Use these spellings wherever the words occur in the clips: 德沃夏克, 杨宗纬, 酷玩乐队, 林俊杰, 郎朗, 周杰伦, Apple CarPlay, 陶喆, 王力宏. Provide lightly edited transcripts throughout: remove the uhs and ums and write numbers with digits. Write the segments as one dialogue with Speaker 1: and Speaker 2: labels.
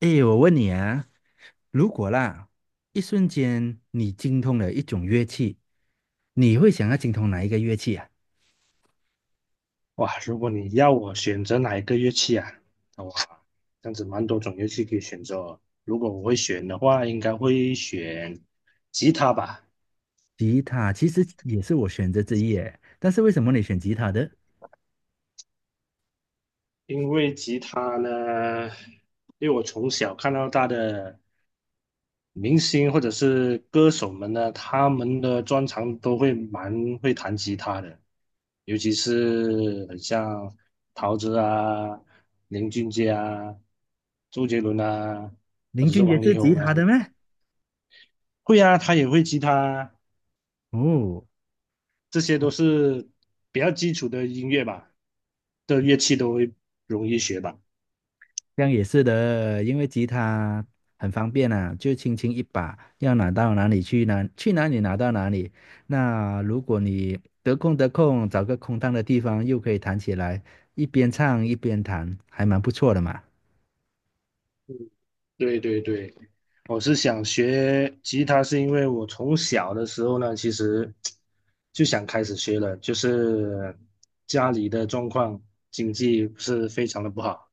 Speaker 1: 诶，我问你啊，如果啦，一瞬间你精通了一种乐器，你会想要精通哪一个乐器啊？
Speaker 2: 哇，如果你要我选择哪一个乐器啊？哇，这样子蛮多种乐器可以选择哦。如果我会选的话，应该会选吉他吧，
Speaker 1: 吉他其实也是我选择之一诶，但是为什么你选吉他的？
Speaker 2: 因为吉他呢，因为我从小看到大的明星或者是歌手们呢，他们的专长都会蛮会弹吉他的，尤其是很像陶喆啊、林俊杰啊、周杰伦啊，或
Speaker 1: 林
Speaker 2: 者是
Speaker 1: 俊杰
Speaker 2: 王
Speaker 1: 是
Speaker 2: 力
Speaker 1: 吉
Speaker 2: 宏啊。
Speaker 1: 他的吗？
Speaker 2: 会啊，他也会吉他，
Speaker 1: 哦，
Speaker 2: 这些都是比较基础的音乐吧，的乐器都会容易学吧。
Speaker 1: 这样也是的，因为吉他很方便啊，就轻轻一把，要拿到哪里去哪里拿到哪里。那如果你得空，找个空荡的地方，又可以弹起来，一边唱一边弹，还蛮不错的嘛。
Speaker 2: 对对对，我是想学吉他，是因为我从小的时候呢，其实就想开始学了，就是家里的状况经济不是非常的不好，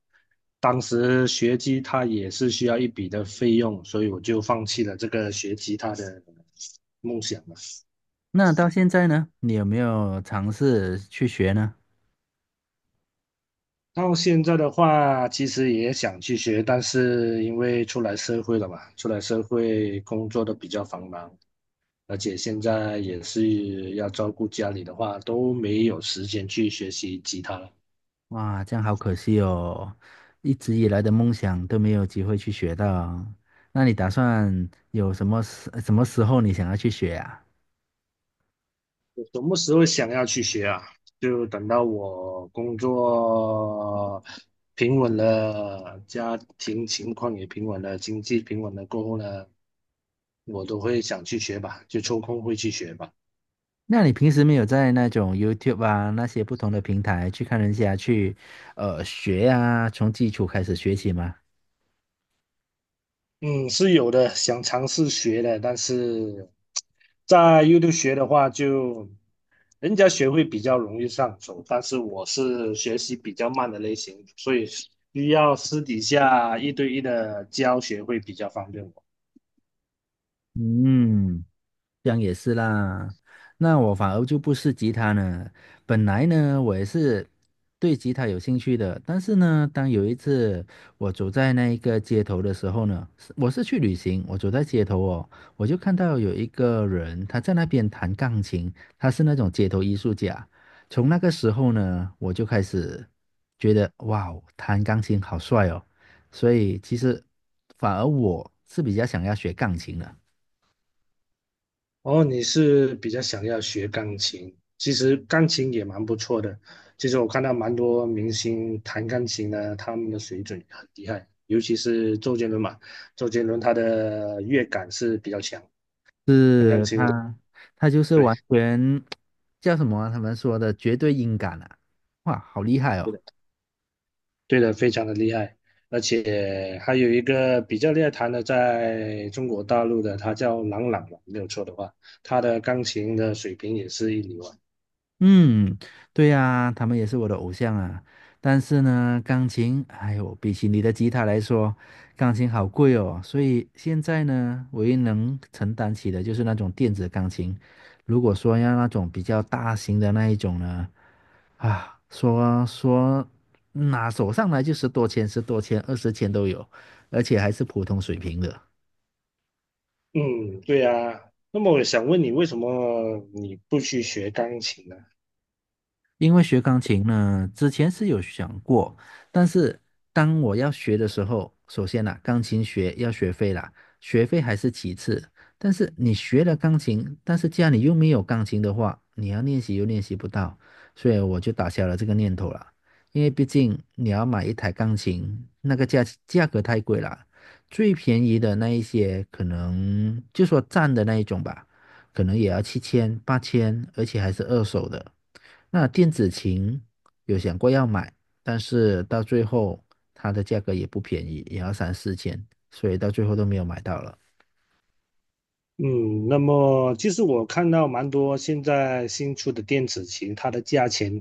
Speaker 2: 当时学吉他也是需要一笔的费用，所以我就放弃了这个学吉他的梦想了。
Speaker 1: 那到现在呢，你有没有尝试去学呢？
Speaker 2: 到现在的话，其实也想去学，但是因为出来社会了嘛，出来社会工作的比较繁忙，而且现在也是要照顾家里的话，都没有时间去学习吉他了。
Speaker 1: 哇，这样好可惜哦，一直以来的梦想都没有机会去学到。那你打算有什么时候你想要去学啊？
Speaker 2: 我什么时候想要去学啊？就等到我工作平稳了，家庭情况也平稳了，经济平稳了过后呢，我都会想去学吧，就抽空会去学吧。
Speaker 1: 那你平时没有在那种 YouTube 啊那些不同的平台去看人家去学啊，从基础开始学起吗？
Speaker 2: 嗯，是有的，想尝试学的，但是在 YouTube 学的话就，人家学会比较容易上手，但是我是学习比较慢的类型，所以需要私底下一对一的教学会比较方便我。
Speaker 1: 嗯。这样也是啦，那我反而就不是吉他呢。本来呢，我也是对吉他有兴趣的，但是呢，当有一次我走在那一个街头的时候呢，是我是去旅行，我走在街头哦，我就看到有一个人他在那边弹钢琴，他是那种街头艺术家。从那个时候呢，我就开始觉得哇哦弹钢琴好帅哦，所以其实反而我是比较想要学钢琴的。
Speaker 2: 哦，你是比较想要学钢琴，其实钢琴也蛮不错的。其实我看到蛮多明星弹钢琴的，他们的水准很厉害，尤其是周杰伦嘛，周杰伦他的乐感是比较强。
Speaker 1: 是他，他就是
Speaker 2: 对，
Speaker 1: 完全叫什么啊他们说的绝对音感啊！哇，好厉害
Speaker 2: 对
Speaker 1: 哦！
Speaker 2: 的，对的，非常的厉害，而且还有一个比较厉害弹的，在中国大陆的，他叫郎朗嘛，没有错的话，他的钢琴的水平也是一流啊。
Speaker 1: 嗯，对呀，他们也是我的偶像啊。但是呢，钢琴，哎呦，比起你的吉他来说，钢琴好贵哦。所以现在呢，唯一能承担起的就是那种电子钢琴。如果说要那种比较大型的那一种呢，啊，说拿手上来就十多千、十多千、二十千都有，而且还是普通水平的。
Speaker 2: 嗯，对啊。那么我想问你，为什么你不去学钢琴呢？
Speaker 1: 因为学钢琴呢，之前是有想过，但是当我要学的时候，首先呢，钢琴学要学费啦，学费还是其次。但是你学了钢琴，但是家里又没有钢琴的话，你要练习又练习不到，所以我就打消了这个念头了。因为毕竟你要买一台钢琴，那个价格太贵了，最便宜的那一些可能就说站的那一种吧。可能也要七千、八千，而且还是二手的。那电子琴有想过要买，但是到最后它的价格也不便宜，也要三四千，所以到最后都没有买到了。
Speaker 2: 嗯，那么其实我看到蛮多现在新出的电子琴，它的价钱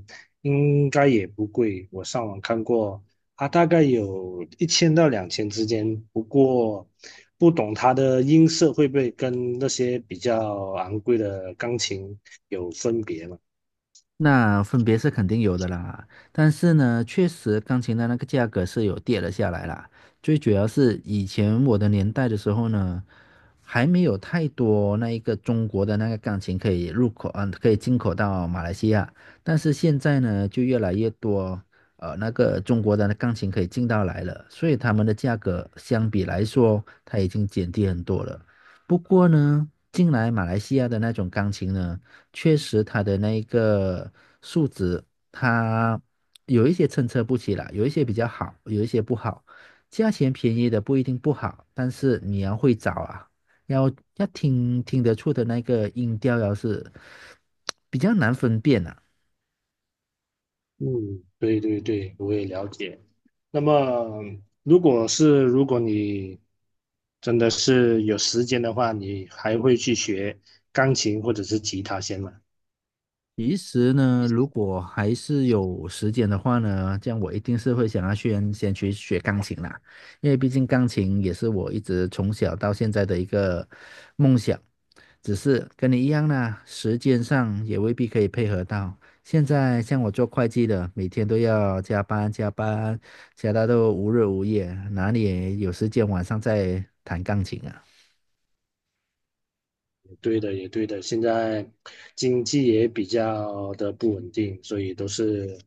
Speaker 2: 应该也不贵。我上网看过，它大概有1000到2000之间。不过不懂它的音色会不会跟那些比较昂贵的钢琴有分别嘛？
Speaker 1: 那分别是肯定有的啦，但是呢，确实钢琴的那个价格是有跌了下来啦。最主要是以前我的年代的时候呢，还没有太多那一个中国的那个钢琴可以入口，可以进口到马来西亚。但是现在呢，就越来越多，那个中国的那钢琴可以进到来了，所以他们的价格相比来说，它已经减低很多了。不过呢，进来马来西亚的那种钢琴呢。确实它的那个数值，它有一些参差不齐啦，有一些比较好，有一些不好。价钱便宜的不一定不好，但是你要会找啊，要要听得出的那个音调，要是比较难分辨啊。
Speaker 2: 嗯，对对对，我也了解。那么，如果你真的是有时间的话，你还会去学钢琴或者是吉他先吗？
Speaker 1: 其实呢，如果还是有时间的话呢，这样我一定是会想要先去学钢琴啦，因为毕竟钢琴也是我一直从小到现在的一个梦想，只是跟你一样啦，时间上也未必可以配合到。现在像我做会计的，每天都要加班加班，加到都无日无夜，哪里有时间晚上再弹钢琴啊？
Speaker 2: 对的，也对的。现在经济也比较的不稳定，所以都是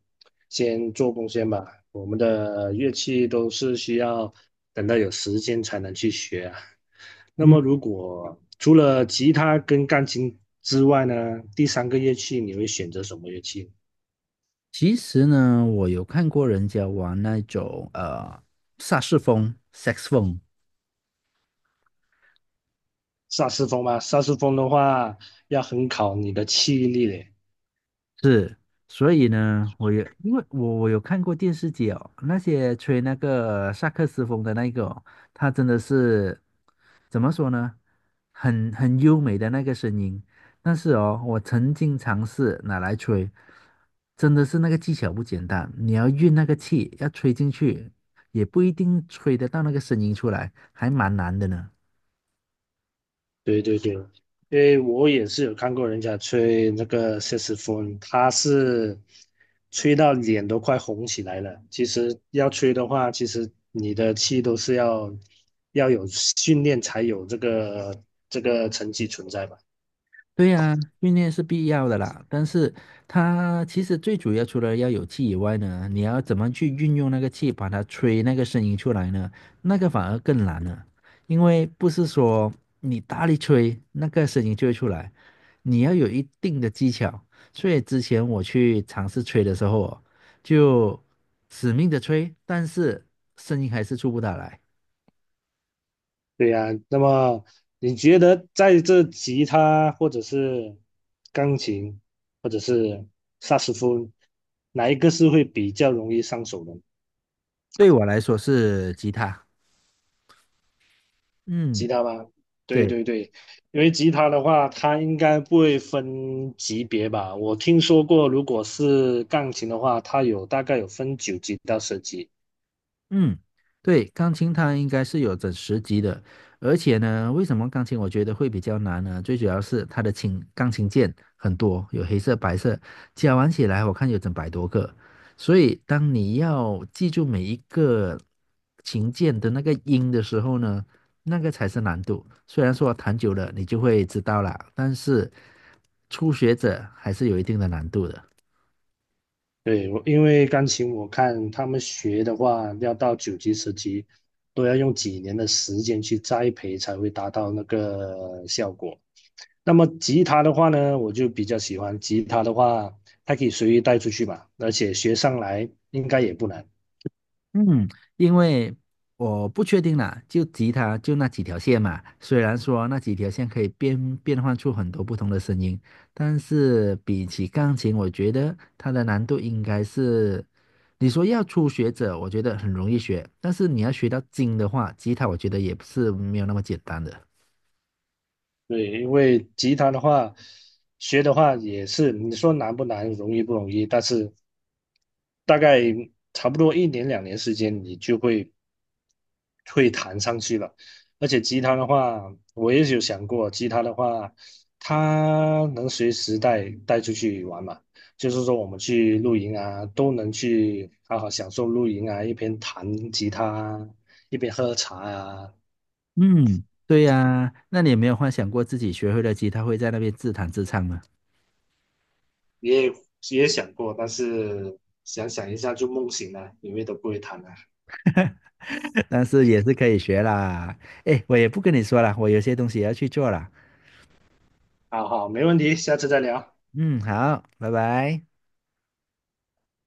Speaker 2: 先做贡献吧。我们的乐器都是需要等到有时间才能去学啊。那
Speaker 1: 嗯。
Speaker 2: 么，如果除了吉他跟钢琴之外呢，第三个乐器你会选择什么乐器？
Speaker 1: 其实呢，我有看过人家玩那种萨士风 SEX 风
Speaker 2: 萨斯风吗？萨斯风的话要很考你的气力嘞。
Speaker 1: 是，所以呢，我有因为我有看过电视剧哦，那些吹那个萨克斯风的那个哦，他真的是怎么说呢，很优美的那个声音，但是哦，我曾经尝试拿来吹，真的是那个技巧不简单，你要运那个气，要吹进去，也不一定吹得到那个声音出来，还蛮难的呢。
Speaker 2: 对对对，因为我也是有看过人家吹那个萨克斯风，他是吹到脸都快红起来了。其实要吹的话，其实你的气都是要有训练才有这个成绩存在吧？
Speaker 1: 对呀，训练是必要的啦，但是它其实最主要除了要有气以外呢，你要怎么去运用那个气，把它吹那个声音出来呢？那个反而更难了，因为不是说你大力吹那个声音就会出来，你要有一定的技巧。所以之前我去尝试吹的时候哦就死命的吹，但是声音还是出不大来。
Speaker 2: 对呀、那么你觉得在这吉他或者是钢琴或者是萨克斯风，哪一个是会比较容易上手的？
Speaker 1: 对我来说是吉他，
Speaker 2: 吉
Speaker 1: 嗯。
Speaker 2: 他吗？对
Speaker 1: 对。
Speaker 2: 对对，因为吉他的话，它应该不会分级别吧？我听说过，如果是钢琴的话，它有大概有分9级到10级。
Speaker 1: 嗯，对，钢琴它应该是有整十级的，而且呢，为什么钢琴我觉得会比较难呢？最主要是它的钢琴键很多，有黑色、白色，加完起来我看有整百多个，所以当你要记住每一个琴键的那个音的时候呢，那个才是难度。虽然说弹久了你就会知道啦，但是初学者还是有一定的难度的。
Speaker 2: 对，我因为钢琴我看他们学的话，要到9级、10级，都要用几年的时间去栽培才会达到那个效果。那么吉他的话呢，我就比较喜欢吉他的话，它可以随意带出去嘛，而且学上来应该也不难。
Speaker 1: 嗯，因为我不确定啦，就吉他就那几条线嘛。虽然说那几条线可以变换出很多不同的声音，但是比起钢琴，我觉得它的难度应该是，你说要初学者，我觉得很容易学，但是你要学到精的话，吉他我觉得也不是没有那么简单的。
Speaker 2: 对，因为吉他的话，学的话也是，你说难不难，容易不容易，但是大概差不多1年2年时间，你就会弹上去了。而且吉他的话，我也有想过，吉他的话，它能随时带出去玩嘛，就是说我们去露营啊，都能去好好享受露营啊，一边弹吉他啊，一边喝茶啊。
Speaker 1: 嗯，对呀，那你有没有幻想过自己学会了吉他会在那边自弹自唱呢？
Speaker 2: 也也想过，但是想一下就梦醒了，因为都不会弹了。
Speaker 1: 但是也是可以学啦。哎，我也不跟你说了，我有些东西也要去做了。
Speaker 2: 好好，没问题，下次再聊。
Speaker 1: 嗯，好，拜拜。